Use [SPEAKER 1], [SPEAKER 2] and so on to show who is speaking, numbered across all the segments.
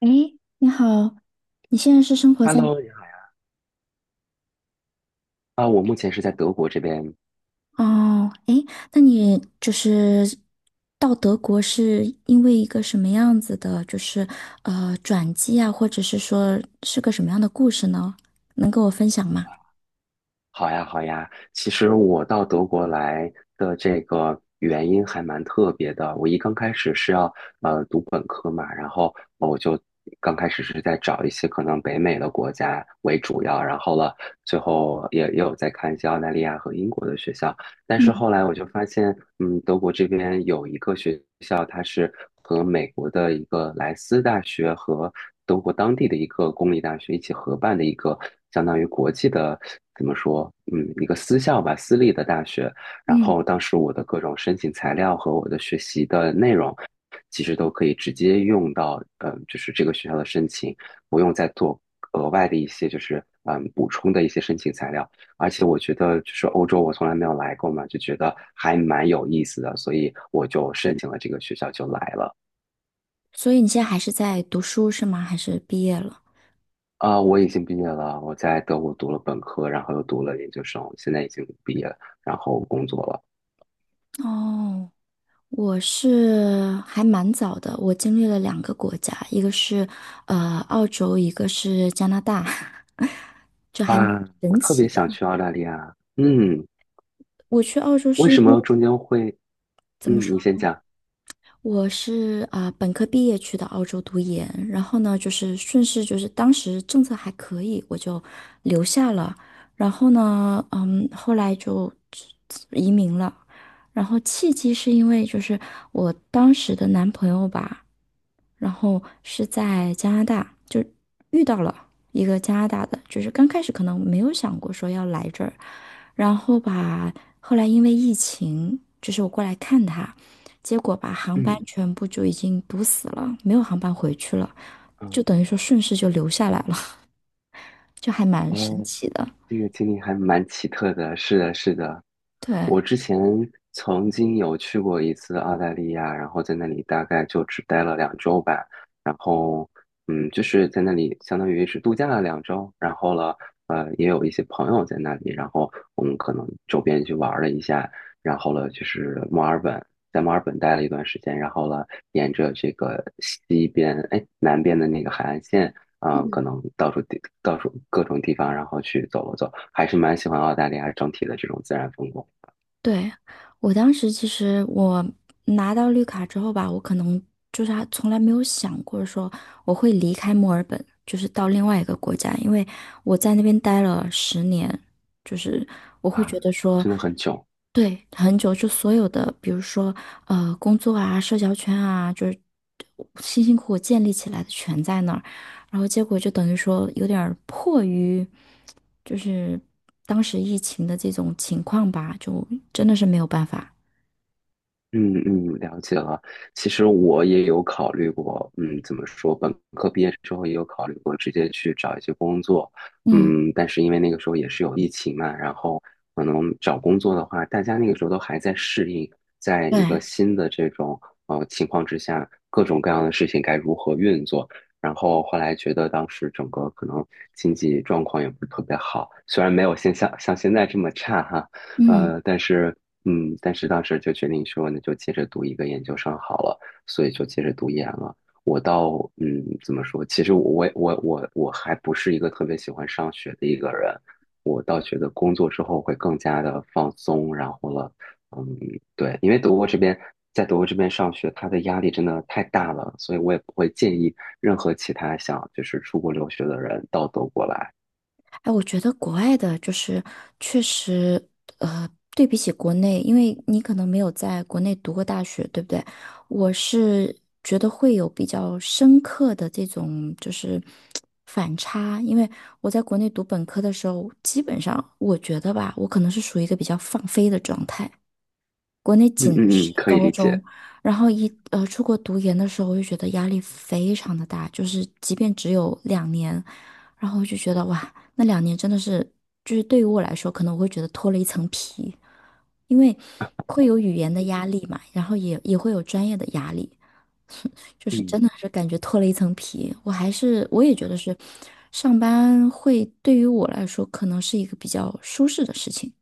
[SPEAKER 1] 哎，你好，你现在是生活在
[SPEAKER 2] Hello，你好呀。我目前是在德国这边。
[SPEAKER 1] 哦，哎，那你就是到德国是因为一个什么样子的，转机啊，或者是说是个什么样的故事呢？能跟我分享吗？
[SPEAKER 2] 好呀，好呀。其实我到德国来的这个原因还蛮特别的。我刚开始是要读本科嘛，然后我就刚开始是在找一些可能北美的国家为主要，然后最后也有在看一些澳大利亚和英国的学校。但是
[SPEAKER 1] 嗯
[SPEAKER 2] 后来我就发现，嗯，德国这边有一个学校，它是和美国的一个莱斯大学和德国当地的一个公立大学一起合办的一个相当于国际的，怎么说，嗯，一个私校吧，私立的大学。然
[SPEAKER 1] 嗯，
[SPEAKER 2] 后当时我的各种申请材料和我的学习的内容，其实都可以直接用到，就是这个学校的申请，不用再做额外的一些就是补充的一些申请材料。而且我觉得就是欧洲我从来没有来过嘛，就觉得还蛮有意思的，所以我就申请了这个学校就来了。
[SPEAKER 1] 所以你现在还是在读书是吗？还是毕业了？
[SPEAKER 2] 我已经毕业了，我在德国读了本科，然后又读了研究生，现在已经毕业了，然后工作了。
[SPEAKER 1] 哦，我是还蛮早的，我经历了两个国家，一个是澳洲，一个是加拿大，这还蛮
[SPEAKER 2] 哇，我
[SPEAKER 1] 神
[SPEAKER 2] 特别
[SPEAKER 1] 奇
[SPEAKER 2] 想
[SPEAKER 1] 的。
[SPEAKER 2] 去澳大利亚。嗯，
[SPEAKER 1] 我去澳洲
[SPEAKER 2] 为
[SPEAKER 1] 是因
[SPEAKER 2] 什
[SPEAKER 1] 为
[SPEAKER 2] 么中间会？
[SPEAKER 1] 怎么
[SPEAKER 2] 嗯，
[SPEAKER 1] 说？
[SPEAKER 2] 你先讲。
[SPEAKER 1] 我本科毕业去的澳洲读研，然后呢，顺势当时政策还可以，我就留下了。然后呢，嗯，后来就移民了。然后契机是因为我当时的男朋友吧，然后是在加拿大就遇到了一个加拿大的，就是刚开始可能没有想过说要来这儿，然后吧，后来因为疫情，就是我过来看他，结果把航班
[SPEAKER 2] 嗯
[SPEAKER 1] 全部就已经堵死了，没有航班回去了，就
[SPEAKER 2] 嗯，
[SPEAKER 1] 等于说顺势就留下来了，就还蛮神
[SPEAKER 2] 哦。
[SPEAKER 1] 奇的。
[SPEAKER 2] 这个经历还蛮奇特的，是的，是的。
[SPEAKER 1] 对，
[SPEAKER 2] 我之前曾经有去过一次澳大利亚，然后在那里大概就只待了两周吧，然后嗯，就是在那里相当于是度假了两周，然后也有一些朋友在那里，然后我们可能周边去玩了一下，然后就是墨尔本，在墨尔本待了一段时间，然后沿着这个西边南边的那个海岸线。可能到处各种地方，然后去走了走，还是蛮喜欢澳大利亚整体的这种自然风光。
[SPEAKER 1] 对，我当时其实拿到绿卡之后吧，我可能就是还从来没有想过说我会离开墨尔本，就是到另外一个国家，因为我在那边待了十年，就是我会觉
[SPEAKER 2] 啊，
[SPEAKER 1] 得说。
[SPEAKER 2] 真的很囧。
[SPEAKER 1] 对，很久就所有的，比如说工作啊、社交圈啊，就是辛辛苦苦建立起来的全在那儿，然后结果就等于说有点儿迫于，就是当时疫情的这种情况吧，就真的是没有办法。
[SPEAKER 2] 嗯嗯，了解了。其实我也有考虑过，嗯，怎么说，本科毕业之后也有考虑过直接去找一些工作，
[SPEAKER 1] 嗯，
[SPEAKER 2] 嗯，但是因为那个时候也是有疫情嘛，然后可能找工作的话，大家那个时候都还在适应，在一
[SPEAKER 1] 对，
[SPEAKER 2] 个新的这种情况之下，各种各样的事情该如何运作。然后后来觉得当时整个可能经济状况也不是特别好，虽然没有像现在这么差哈。
[SPEAKER 1] 嗯。
[SPEAKER 2] 但是嗯，但是当时就决定说，那就接着读一个研究生好了，所以就接着读研了。我到嗯，怎么说？其实我还不是一个特别喜欢上学的一个人，我倒觉得工作之后会更加的放松，然后了，嗯，对，因为德国这边在德国这边上学，它的压力真的太大了，所以我也不会建议任何其他想就是出国留学的人到德国来。
[SPEAKER 1] 哎，我觉得国外的就是确实，呃，对比起国内，因为你可能没有在国内读过大学，对不对？我是觉得会有比较深刻的这种就是反差，因为我在国内读本科的时候，基本上我觉得吧，我可能是属于一个比较放飞的状态，国内
[SPEAKER 2] 嗯
[SPEAKER 1] 仅的
[SPEAKER 2] 嗯
[SPEAKER 1] 是
[SPEAKER 2] 嗯，可以
[SPEAKER 1] 高
[SPEAKER 2] 理
[SPEAKER 1] 中，
[SPEAKER 2] 解。
[SPEAKER 1] 然后出国读研的时候，我就觉得压力非常的大，就是即便只有两年，然后我就觉得哇，那两年真的是，就是对于我来说，可能我会觉得脱了一层皮，因为会有语言的压力嘛，然后也会有专业的压力，就是真
[SPEAKER 2] 嗯。
[SPEAKER 1] 的是感觉脱了一层皮。我也觉得是，上班会对于我来说可能是一个比较舒适的事情。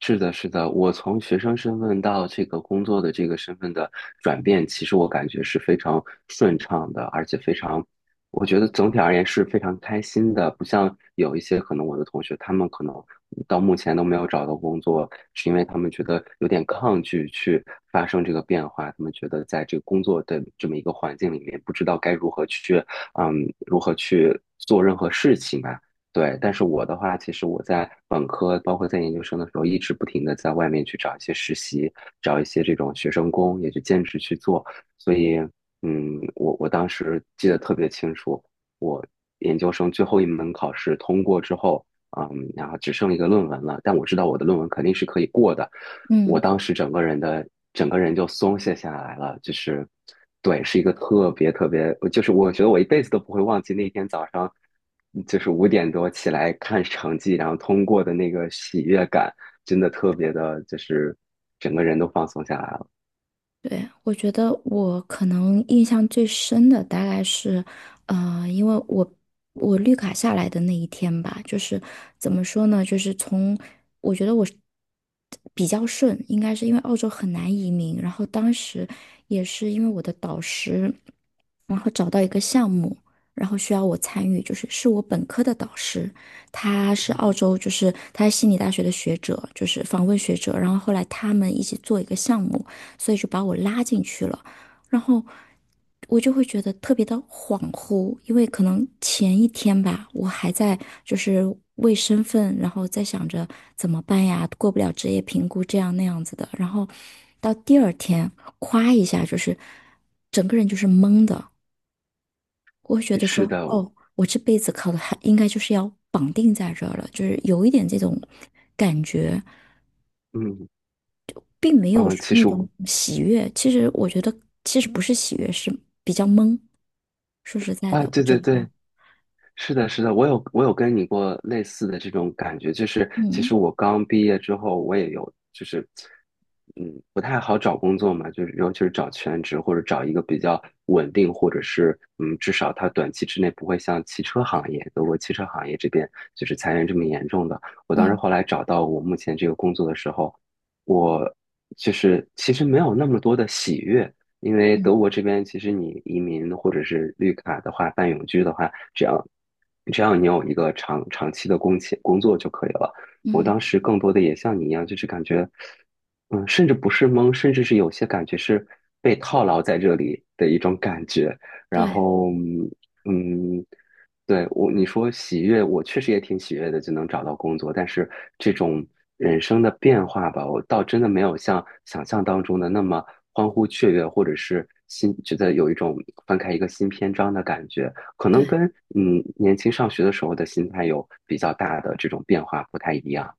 [SPEAKER 2] 是的，是的，我从学生身份到这个工作的这个身份的转变，其实我感觉是非常顺畅的，而且非常，我觉得总体而言是非常开心的。不像有一些可能我的同学，他们可能到目前都没有找到工作，是因为他们觉得有点抗拒去发生这个变化，他们觉得在这个工作的这么一个环境里面，不知道该如何去，嗯，如何去做任何事情吧。对，但是我的话，其实我在本科，包括在研究生的时候，一直不停的在外面去找一些实习，找一些这种学生工，也就兼职去做。所以，嗯，我当时记得特别清楚，我研究生最后一门考试通过之后，嗯，然后只剩一个论文了，但我知道我的论文肯定是可以过的，我
[SPEAKER 1] 嗯。
[SPEAKER 2] 当时整个人就松懈下来了，就是，对，是一个特别特别，就是我觉得我一辈子都不会忘记那天早上。就是5点多起来看成绩，然后通过的那个喜悦感，真的特别的，就是整个人都放松下来了。
[SPEAKER 1] 对，我觉得我可能印象最深的大概是，因为我绿卡下来的那一天吧，就是怎么说呢，就是从我觉得我是比较顺，应该是因为澳洲很难移民，然后当时也是因为我的导师，然后找到一个项目，然后需要我参与，就是我本科的导师，他是澳洲，就是他是悉尼大学的学者，就是访问学者，然后后来他们一起做一个项目。所以就把我拉进去了。然后我就会觉得特别的恍惚，因为可能前一天吧，我还在就是为身份，然后在想着怎么办呀，过不了职业评估这样那样子的。然后到第二天，夸一下，就是整个人就是懵的，我会觉得
[SPEAKER 2] 是
[SPEAKER 1] 说，
[SPEAKER 2] 的，
[SPEAKER 1] 哦，我这辈子考的还应该就是要绑定在这儿了，就是有一点这种感觉。
[SPEAKER 2] 嗯
[SPEAKER 1] 并没有
[SPEAKER 2] 嗯，
[SPEAKER 1] 说
[SPEAKER 2] 其
[SPEAKER 1] 那
[SPEAKER 2] 实
[SPEAKER 1] 种
[SPEAKER 2] 我
[SPEAKER 1] 喜悦。其实我觉得，其实不是喜悦，是比较懵。说实在
[SPEAKER 2] 啊，
[SPEAKER 1] 的，我
[SPEAKER 2] 对对
[SPEAKER 1] 整
[SPEAKER 2] 对，
[SPEAKER 1] 个，
[SPEAKER 2] 是的，是的，我有跟你过类似的这种感觉，就是其
[SPEAKER 1] 嗯
[SPEAKER 2] 实我刚毕业之后，我也有就是，嗯，不太好找工作嘛，就是尤其是找全职或者找一个比较稳定，或者是嗯，至少它短期之内不会像汽车行业，德国汽车行业这边就是裁员这么严重的。我当时
[SPEAKER 1] 嗯
[SPEAKER 2] 后来找到我目前这个工作的时候，我就是其实没有那么多的喜悦，因为
[SPEAKER 1] 嗯
[SPEAKER 2] 德国这边其实你移民或者是绿卡的话，办永居的话，只要你有一个长期的工签工作就可以了。我
[SPEAKER 1] 嗯，
[SPEAKER 2] 当时更多的也像你一样，就是感觉，嗯，甚至不是懵，甚至是有些感觉是被套牢在这里的一种感觉。然
[SPEAKER 1] 对
[SPEAKER 2] 后，嗯，嗯对，我，你说喜悦，我确实也挺喜悦的，就能找到工作。但是这种人生的变化吧，我倒真的没有像想象当中的那么欢呼雀跃，或者是新，觉得有一种翻开一个新篇章的感觉。可能
[SPEAKER 1] 对。
[SPEAKER 2] 跟嗯年轻上学的时候的心态有比较大的这种变化不太一样。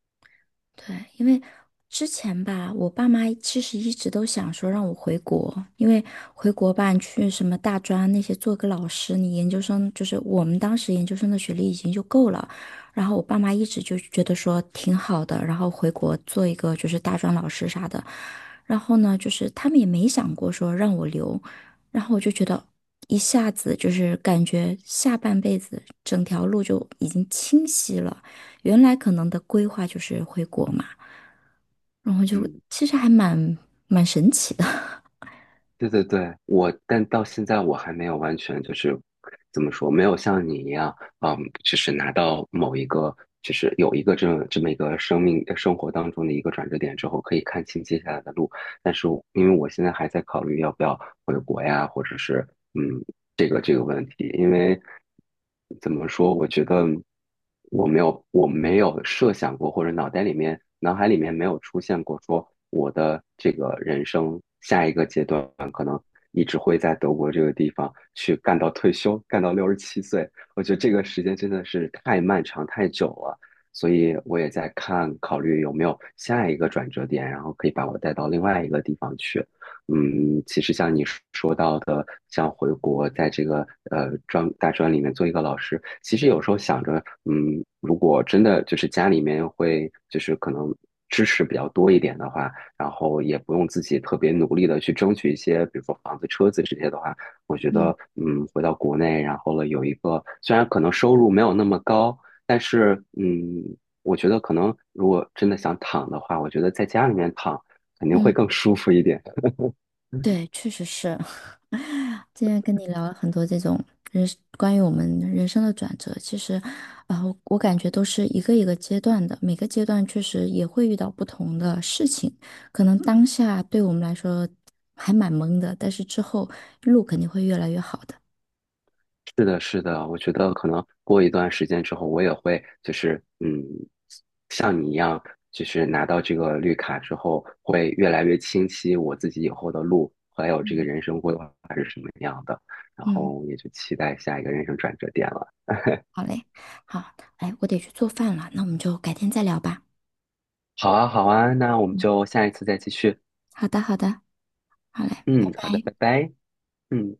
[SPEAKER 1] 对，因为之前吧，我爸妈其实一直都想说让我回国，因为回国吧，你去什么大专那些做个老师，你研究生就是我们当时研究生的学历已经就够了。然后我爸妈一直就觉得说挺好的，然后回国做一个就是大专老师啥的。然后呢，就是他们也没想过说让我留，然后我就觉得一下子就是感觉下半辈子整条路就已经清晰了。原来可能的规划就是回国嘛，然后就
[SPEAKER 2] 嗯。
[SPEAKER 1] 其实还蛮神奇的。
[SPEAKER 2] 对对对，我，但到现在我还没有完全就是怎么说，没有像你一样，嗯，就是拿到某一个，就是有一个这么一个生活当中的一个转折点之后，可以看清接下来的路。但是我因为我现在还在考虑要不要回国呀，或者是嗯这个问题，因为怎么说，我觉得我没有设想过，或者脑海里面没有出现过说我的这个人生下一个阶段。一直会在德国这个地方去干到退休，干到67岁。我觉得这个时间真的是太漫长、太久了，所以我也在看，考虑有没有下一个转折点，然后可以把我带到另外一个地方去。嗯，其实像你说到的，像回国在这个大专里面做一个老师，其实有时候想着，嗯，如果真的就是家里面会就是可能支持比较多一点的话。然后也不用自己特别努力的去争取一些，比如说房子、车子这些的话，我觉
[SPEAKER 1] 嗯
[SPEAKER 2] 得，嗯，回到国内，然后有一个，虽然可能收入没有那么高，但是，嗯，我觉得可能如果真的想躺的话，我觉得在家里面躺肯定会
[SPEAKER 1] 嗯，
[SPEAKER 2] 更舒服一点。
[SPEAKER 1] 对，确实是。今天跟你聊了很多这种人关于我们人生的转折，其实，我感觉都是一个一个阶段的，每个阶段确实也会遇到不同的事情，可能当下对我们来说还蛮懵的，但是之后路肯定会越来越好的。
[SPEAKER 2] 是的，是的，我觉得可能过一段时间之后，我也会就是嗯，像你一样，就是拿到这个绿卡之后，会越来越清晰我自己以后的路，还有这个
[SPEAKER 1] 嗯
[SPEAKER 2] 人生规划是什么样的，然
[SPEAKER 1] 嗯，
[SPEAKER 2] 后也就期待下一个人生转折点了。
[SPEAKER 1] 好嘞，好，哎，我得去做饭了，那我们就改天再聊吧。
[SPEAKER 2] 好啊，好啊，那我们就下一次再继续。
[SPEAKER 1] 好的，好的，好嘞，拜
[SPEAKER 2] 嗯，好的，
[SPEAKER 1] 拜。
[SPEAKER 2] 拜拜。嗯。